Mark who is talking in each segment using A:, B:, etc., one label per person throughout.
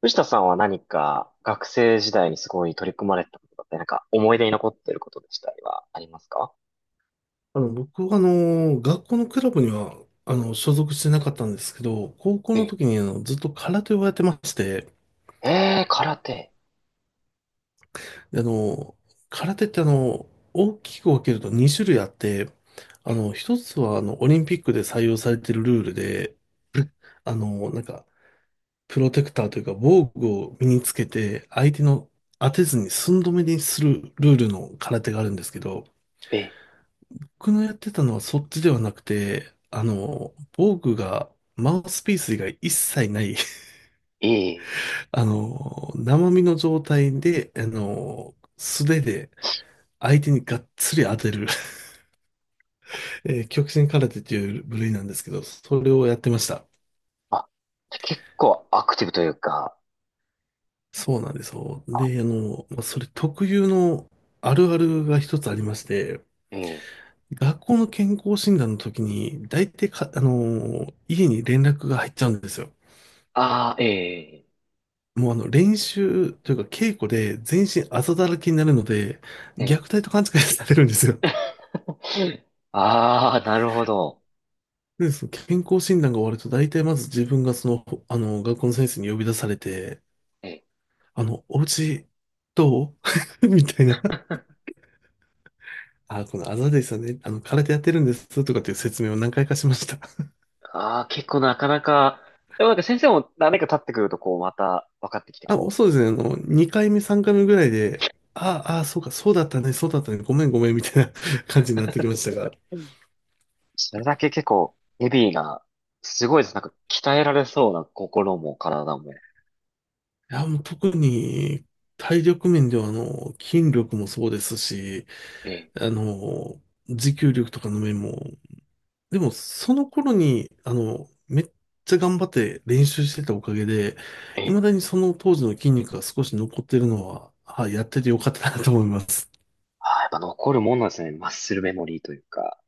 A: 藤田さんは何か学生時代にすごい取り組まれてたことだったり、なんか思い出に残っていることでしたりはありますか？
B: 僕は、学校のクラブには、所属してなかったんですけど、高校の
A: え
B: 時に、ずっと空手をやってまして、
A: え、えー空手。
B: で空手って、大きく分けると2種類あって、
A: え、
B: 一つは、オリンピックで採用されているルールで、あの、なんか、プロテクターというか、防具を身につけて、相手の当てずに寸止めにするルールの空手があるんですけど、
A: え、
B: 僕のやってたのはそっちではなくて、防具が、マウスピース以外一切ない
A: ええ。
B: 生身の状態で、素手で相手にがっつり当てる 極真空手という部類なんですけど、それをやってました。
A: あ、じゃあ結構アクティブというか。
B: そうなんですよ。で、まあそれ特有のあるあるが一つありまして、
A: ええ。
B: 学校の健康診断の時に、大体か、家に連絡が入っちゃうんですよ。
A: ああ、え
B: もうあの練習というか稽古で全身あざだらけになるので、
A: え、
B: 虐
A: え
B: 待と勘違いされるんですよ。
A: え。ああ、なるほど。
B: で、その健康診断が終わると大体まず自分がその、ほあの、学校の先生に呼び出されて、
A: ええ。
B: お家どう みたいな。あ、このあざですよね。空手やってるんですとかっていう説明を何回かしました。
A: ああ、結構なかなか。でもなんか先生も何年か経ってくるとこうまた分かってきて
B: あ、もう
A: こ
B: そうですね。2回目、3回目ぐらいで、ああ、そうか、そうだったね、そうだったね、ごめんごめんみたいな 感じになってきましたが。
A: う。それだけ結構、ヘビーが、すごいです。なんか、鍛えられそうな心も体も。
B: いや、もう特に体力面では筋力もそうですし、
A: ええ、
B: あの、持久力とかの面も、でもその頃に、めっちゃ頑張って練習してたおかげで、
A: ええ。
B: 未だにその当時の筋肉が少し残ってるのは、はい、やっててよかったなと思います。
A: ああ、やっぱ残るもんなんですね。マッスルメモリーというか。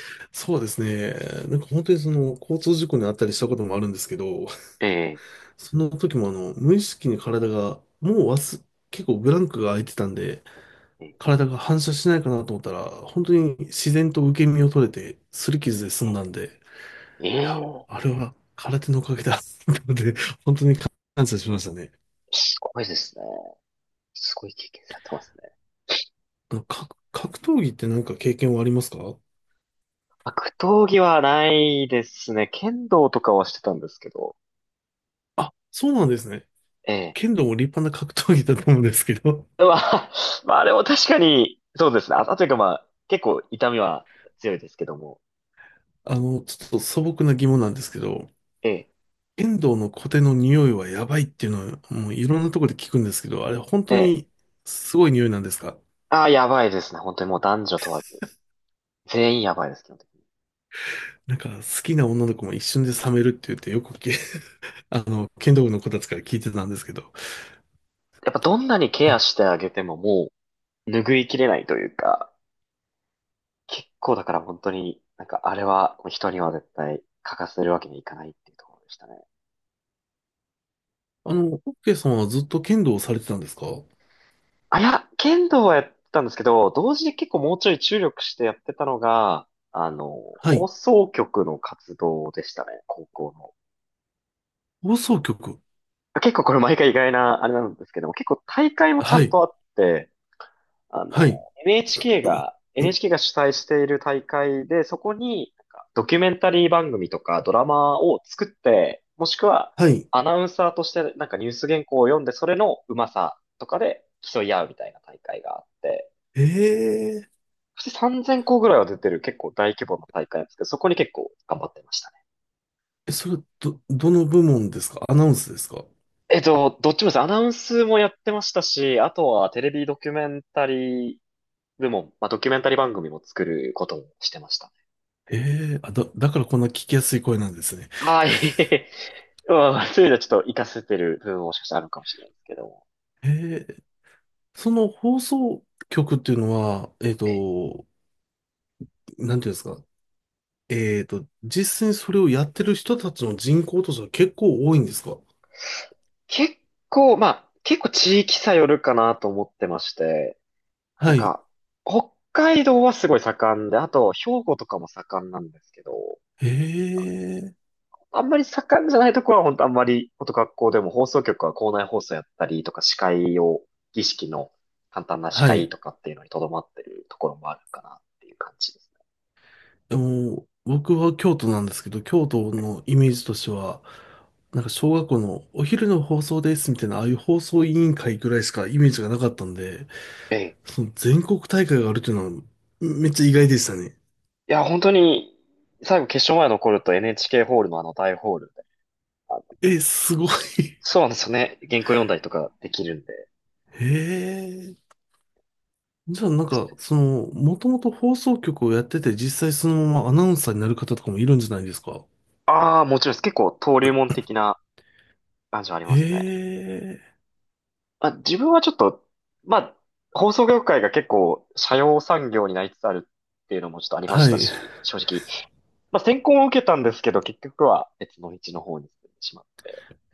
B: そうですね。なんか本当にその交通事故にあったりしたこともあるんですけど、
A: ええ、
B: その時も無意識に体が、もう忘、結構ブランクが空いてたんで、
A: ええ、
B: 体が反射しないかなと思ったら、本当に自然と受け身を取れて、擦り傷で済んだん
A: え
B: で、いや、
A: え。ええ。
B: あれは空手のおかげだ。なので、本当に感謝しましたね。
A: すごいですね。すごい経験されてますね。
B: 格闘技ってなんか経験はありますか？
A: 格闘技はないですね。剣道とかはしてたんですけど。
B: あ、そうなんですね。
A: ええ。
B: 剣道も立派な格闘技だと思うんですけど、
A: まあ、まあ、あれも確かに、そうですね。あ、というかまあ、結構痛みは強いですけども。
B: ちょっと素朴な疑問なんですけど、
A: ええ、
B: 剣道の小手の匂いはやばいっていうのは、もういろんなところで聞くんですけど、あれ本
A: え
B: 当
A: え。
B: にすごい匂いなんですか？
A: ああ、やばいですね。本当にもう男女問わず。全員やばいです、基本的に。
B: なんか好きな女の子も一瞬で冷めるって言ってよく聞剣道部の子たちから聞いてたんですけど。
A: やっぱどんなにケアしてあげてももう拭いきれないというか、結構だから本当に、なんかあれは人には絶対欠かせるわけにいかないっていうところでしたね。
B: オッケーさんはずっと剣道をされてたんですか？
A: あ、いや、剣道はやったんですけど、同時に結構もうちょい注力してやってたのが、
B: は
A: 放
B: い。
A: 送局の活動でしたね、高校の。
B: 放送局。
A: 結構これ毎回意外なあれなんですけども、結構大会もちゃ
B: は
A: ん
B: い。
A: とあって、
B: はい。
A: あの、NHK が、
B: ん
A: NHK が主催している大会で、そこに、なんかドキュメンタリー番組とかドラマを作って、もしくは
B: はい。
A: アナウンサーとしてなんかニュース原稿を読んで、それのうまさとかで競い合うみたいな大会があって、
B: ええ。
A: そして3,000校ぐらいは出てる結構大規模な大会なんですけど、そこに結構頑張ってましたね。
B: え、それ、どの部門ですか？アナウンスですか？
A: どっちもです。アナウンスもやってましたし、あとはテレビドキュメンタリー部門、まあ、ドキュメンタリー番組も作ることもしてましたね。
B: ええ。あ、だからこんな聞きやすい声なんですね。
A: はい。まあ、そういうのはちょっと活かせてる部分ももしかしたらあるかもしれないですけども。
B: ええ。その放送局っていうのは、
A: え、
B: なんていうんですか？実際にそれをやってる人たちの人口としては結構多いんですか？
A: 結構、まあ、結構地域差よるかなと思ってまして、な
B: は
A: ん
B: い。
A: か、北海道はすごい盛んで、あと、兵庫とかも盛んなんですけど、
B: ええ。
A: あんまり盛んじゃないところは本当あんまり、本当学校でも放送局は校内放送やったりとか、司会を、儀式の簡単な司
B: は
A: 会
B: い。
A: とかっていうのにとどまってるところもあるかなっていう感じです
B: でも、僕は京都なんですけど、京都
A: ね。
B: のイメージとしては、なんか小学校のお昼の放送ですみたいな、ああいう放送委員会ぐらいしかイメージがなかったんで、
A: ええ。
B: その全国大会があるっていうのはめっちゃ意外でしたね。
A: いや、本当に、最後決勝前残ると NHK ホールのあの大ホールで、あの
B: え、すごい。
A: そうなんですよね。原稿読んだりとかできるんで。
B: へえ。じゃあなんか、その、もともと放送局をやってて、実際そのままアナウンサーになる方とかもいるんじゃないですか。
A: ああ、もちろんです。結構登竜門的な感じはありますね。
B: へえ。
A: まあ、自分はちょっと、まあ、放送業界が結構、斜陽産業になりつつあるっていうのもちょっとありまし
B: は
A: た
B: い。
A: し、正直。まあ、選考を受けたんですけど、結局は別の道の方に進んでしまう。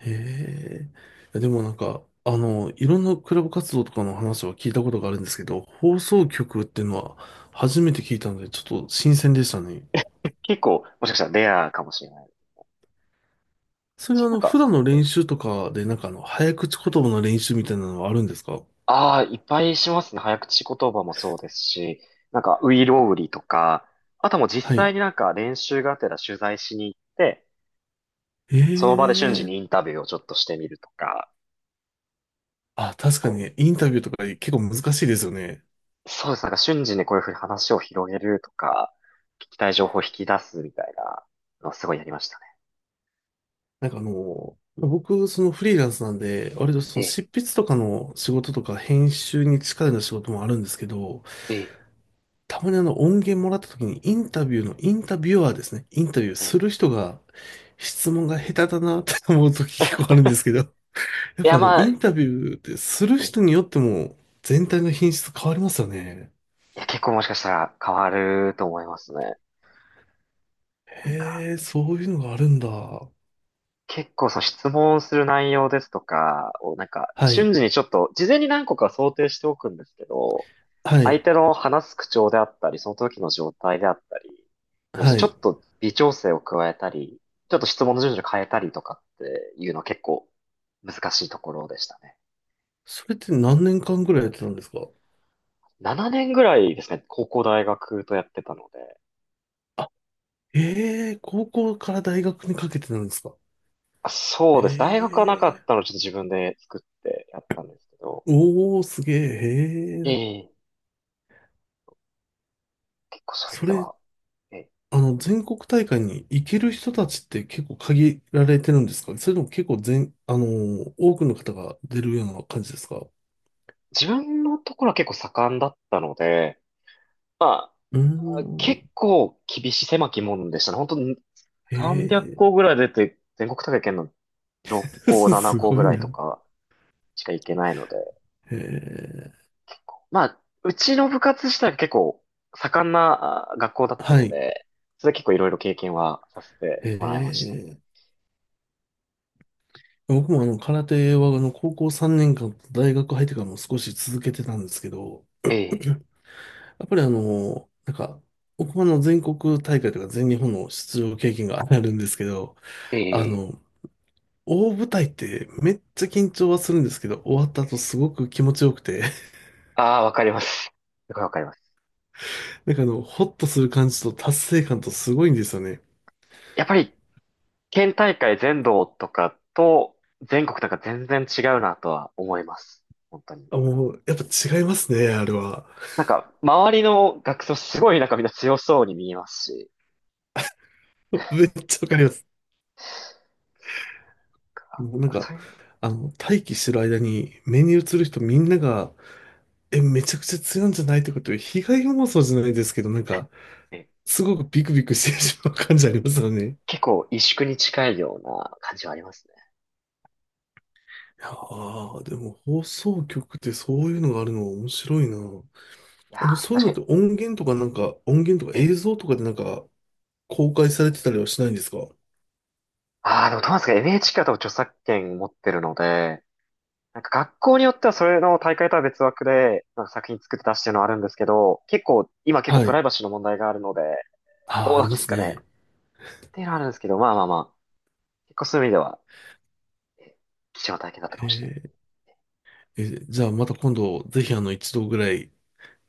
B: へえ。いやでもなんか、いろんなクラブ活動とかの話は聞いたことがあるんですけど、放送局っていうのは初めて聞いたので、ちょっと新鮮でしたね。
A: 結構、もしかしたらレアかもしれない。
B: それは
A: なん
B: 普
A: か、
B: 段の
A: え
B: 練習とかで、なんか早口言葉の練習みたいなのはあるんですか？
A: ああ、いっぱいしますね。早口言葉もそうですし、なんか、ういろうりとか、あともう実
B: は
A: 際
B: い。
A: になんか練習がてら取材しに行って、
B: え
A: その場で瞬時
B: え。
A: にインタビューをちょっとしてみるとか、
B: あ、
A: 結
B: 確かに
A: 構、
B: ね、インタビューとか結構難しいですよね。
A: そうです。なんか瞬時にこういうふうに話を広げるとか、聞きたい情報を引き出すみたいなのをすごいやりましたね。
B: なんか僕、そのフリーランスなんで、割とそ
A: え
B: の
A: え、
B: 執筆とかの仕事とか編集に近いような仕事もあるんですけど、
A: ええ、
B: たまにあの音源もらった時にインタビューの、インタビュアーですね。インタビュー
A: え
B: す
A: え。
B: る人が質問が下手だなって思う時結構あるんですけど、や
A: い
B: っぱ
A: や、
B: あの
A: まあ、
B: インタビューってする
A: ええ、
B: 人によっても全体の品質変わりますよね。
A: いや、結構もしかしたら変わると思いますね。なん
B: へ
A: か
B: え、そういうのがあるんだ。は
A: 結構その質問する内容ですとかをなんか
B: い、
A: 瞬時にちょっと事前に何個か想定しておくんですけど、
B: は
A: 相
B: い、
A: 手の話す口調であったり、その時の状態であったり、そして
B: は
A: ちょ
B: い。
A: っと微調整を加えたり、ちょっと質問の順序を変えたりとかっていうのは結構難しいところでしたね。
B: それって何年間ぐらいやってたんですか？
A: 7年ぐらいですね、高校大学とやってたので。
B: あ、へえ、高校から大学にかけてなんですか？
A: あ、そう
B: へ
A: です。大学はなかっ
B: え、
A: たのでちょっと自分で作ってやったんですけど、
B: おー、すげえ、へえ。
A: ええ。結構そういう意味
B: そ
A: で
B: れ、
A: は、ええ。
B: 全国大会に行ける人たちって結構限られてるんですか？それとも結構多くの方が出るような感じですか？う
A: 自分のところは結構盛んだったので、ま
B: ー
A: あ、
B: ん。
A: 結構厳しい狭き門でしたね。本当に300
B: へ
A: 校ぐらい出て、全国大会行の6
B: え、
A: 校、7
B: す
A: 校
B: ご
A: ぐ
B: い
A: らいと
B: な。
A: かしか行けないので、
B: へえ、
A: 結構。まあ、うちの部活自体が結構盛んなあ学校だった
B: は
A: の
B: い。
A: で、それで結構いろいろ経験はさせて
B: へ
A: もらいましたね。
B: え。僕も空手は高校3年間と大学入ってからも少し続けてたんですけど、
A: ええ、
B: やっぱりなんか、僕もあの全国大会とか全日本の出場経験があるんですけど、
A: え
B: あ
A: え、
B: の、大舞台ってめっちゃ緊張はするんですけど、終わった後
A: ええ。
B: すごく気持ちよくて、
A: ああ、わかります。すごいわかります。
B: なんかホッとする感じと達成感とすごいんですよね。
A: やっぱり県大会全道とかと全国とか全然違うなとは思います。本当に。
B: あ、もう、やっぱ違いますね、あれは。
A: なんか、周りの学生すごいなんかみんな強そうに見えますし、
B: めっちゃわかります。もうなん
A: なんか
B: か、
A: そういう意味
B: 待機してる間に目に映る人みんなが、え、めちゃくちゃ強いんじゃないとかっていう被害妄想じゃないですけど、なん
A: で
B: か、
A: え
B: すごくビクビクしてしまう感じありますよね。
A: 結構萎縮に近いような感じはありますね。
B: いやー、でも放送局ってそういうのがあるの面白いな。
A: いやー、
B: そういう
A: 確
B: の
A: か
B: って
A: に。
B: 音源とかなんか、音源とか
A: え、
B: 映像とかでなんか、公開されてたりはしないんですか？
A: ああでもどうなんですか？ NHK は多分著作権持ってるので、なんか学校によってはそれの大会とは別枠で、なんか作品作って出してるのはあるんですけど、結構、今結構
B: は
A: プライ
B: い。
A: バシーの問題があるので、
B: あ
A: ど
B: あ、
A: う
B: あ
A: な
B: り
A: んで
B: ま
A: す
B: す
A: かね。っ
B: ね。
A: ていうのはあるんですけど、まあまあまあ、結構そういう意味では、え貴重な体験だったかもしれない。
B: ええ、じゃあまた今度、ぜひ一度ぐらい、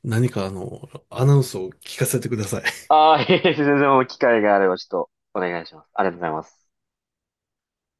B: 何かアナウンスを聞かせてください。
A: ああ、いえいえ全然もう機会があればちょっとお願いします。ありがとうございます。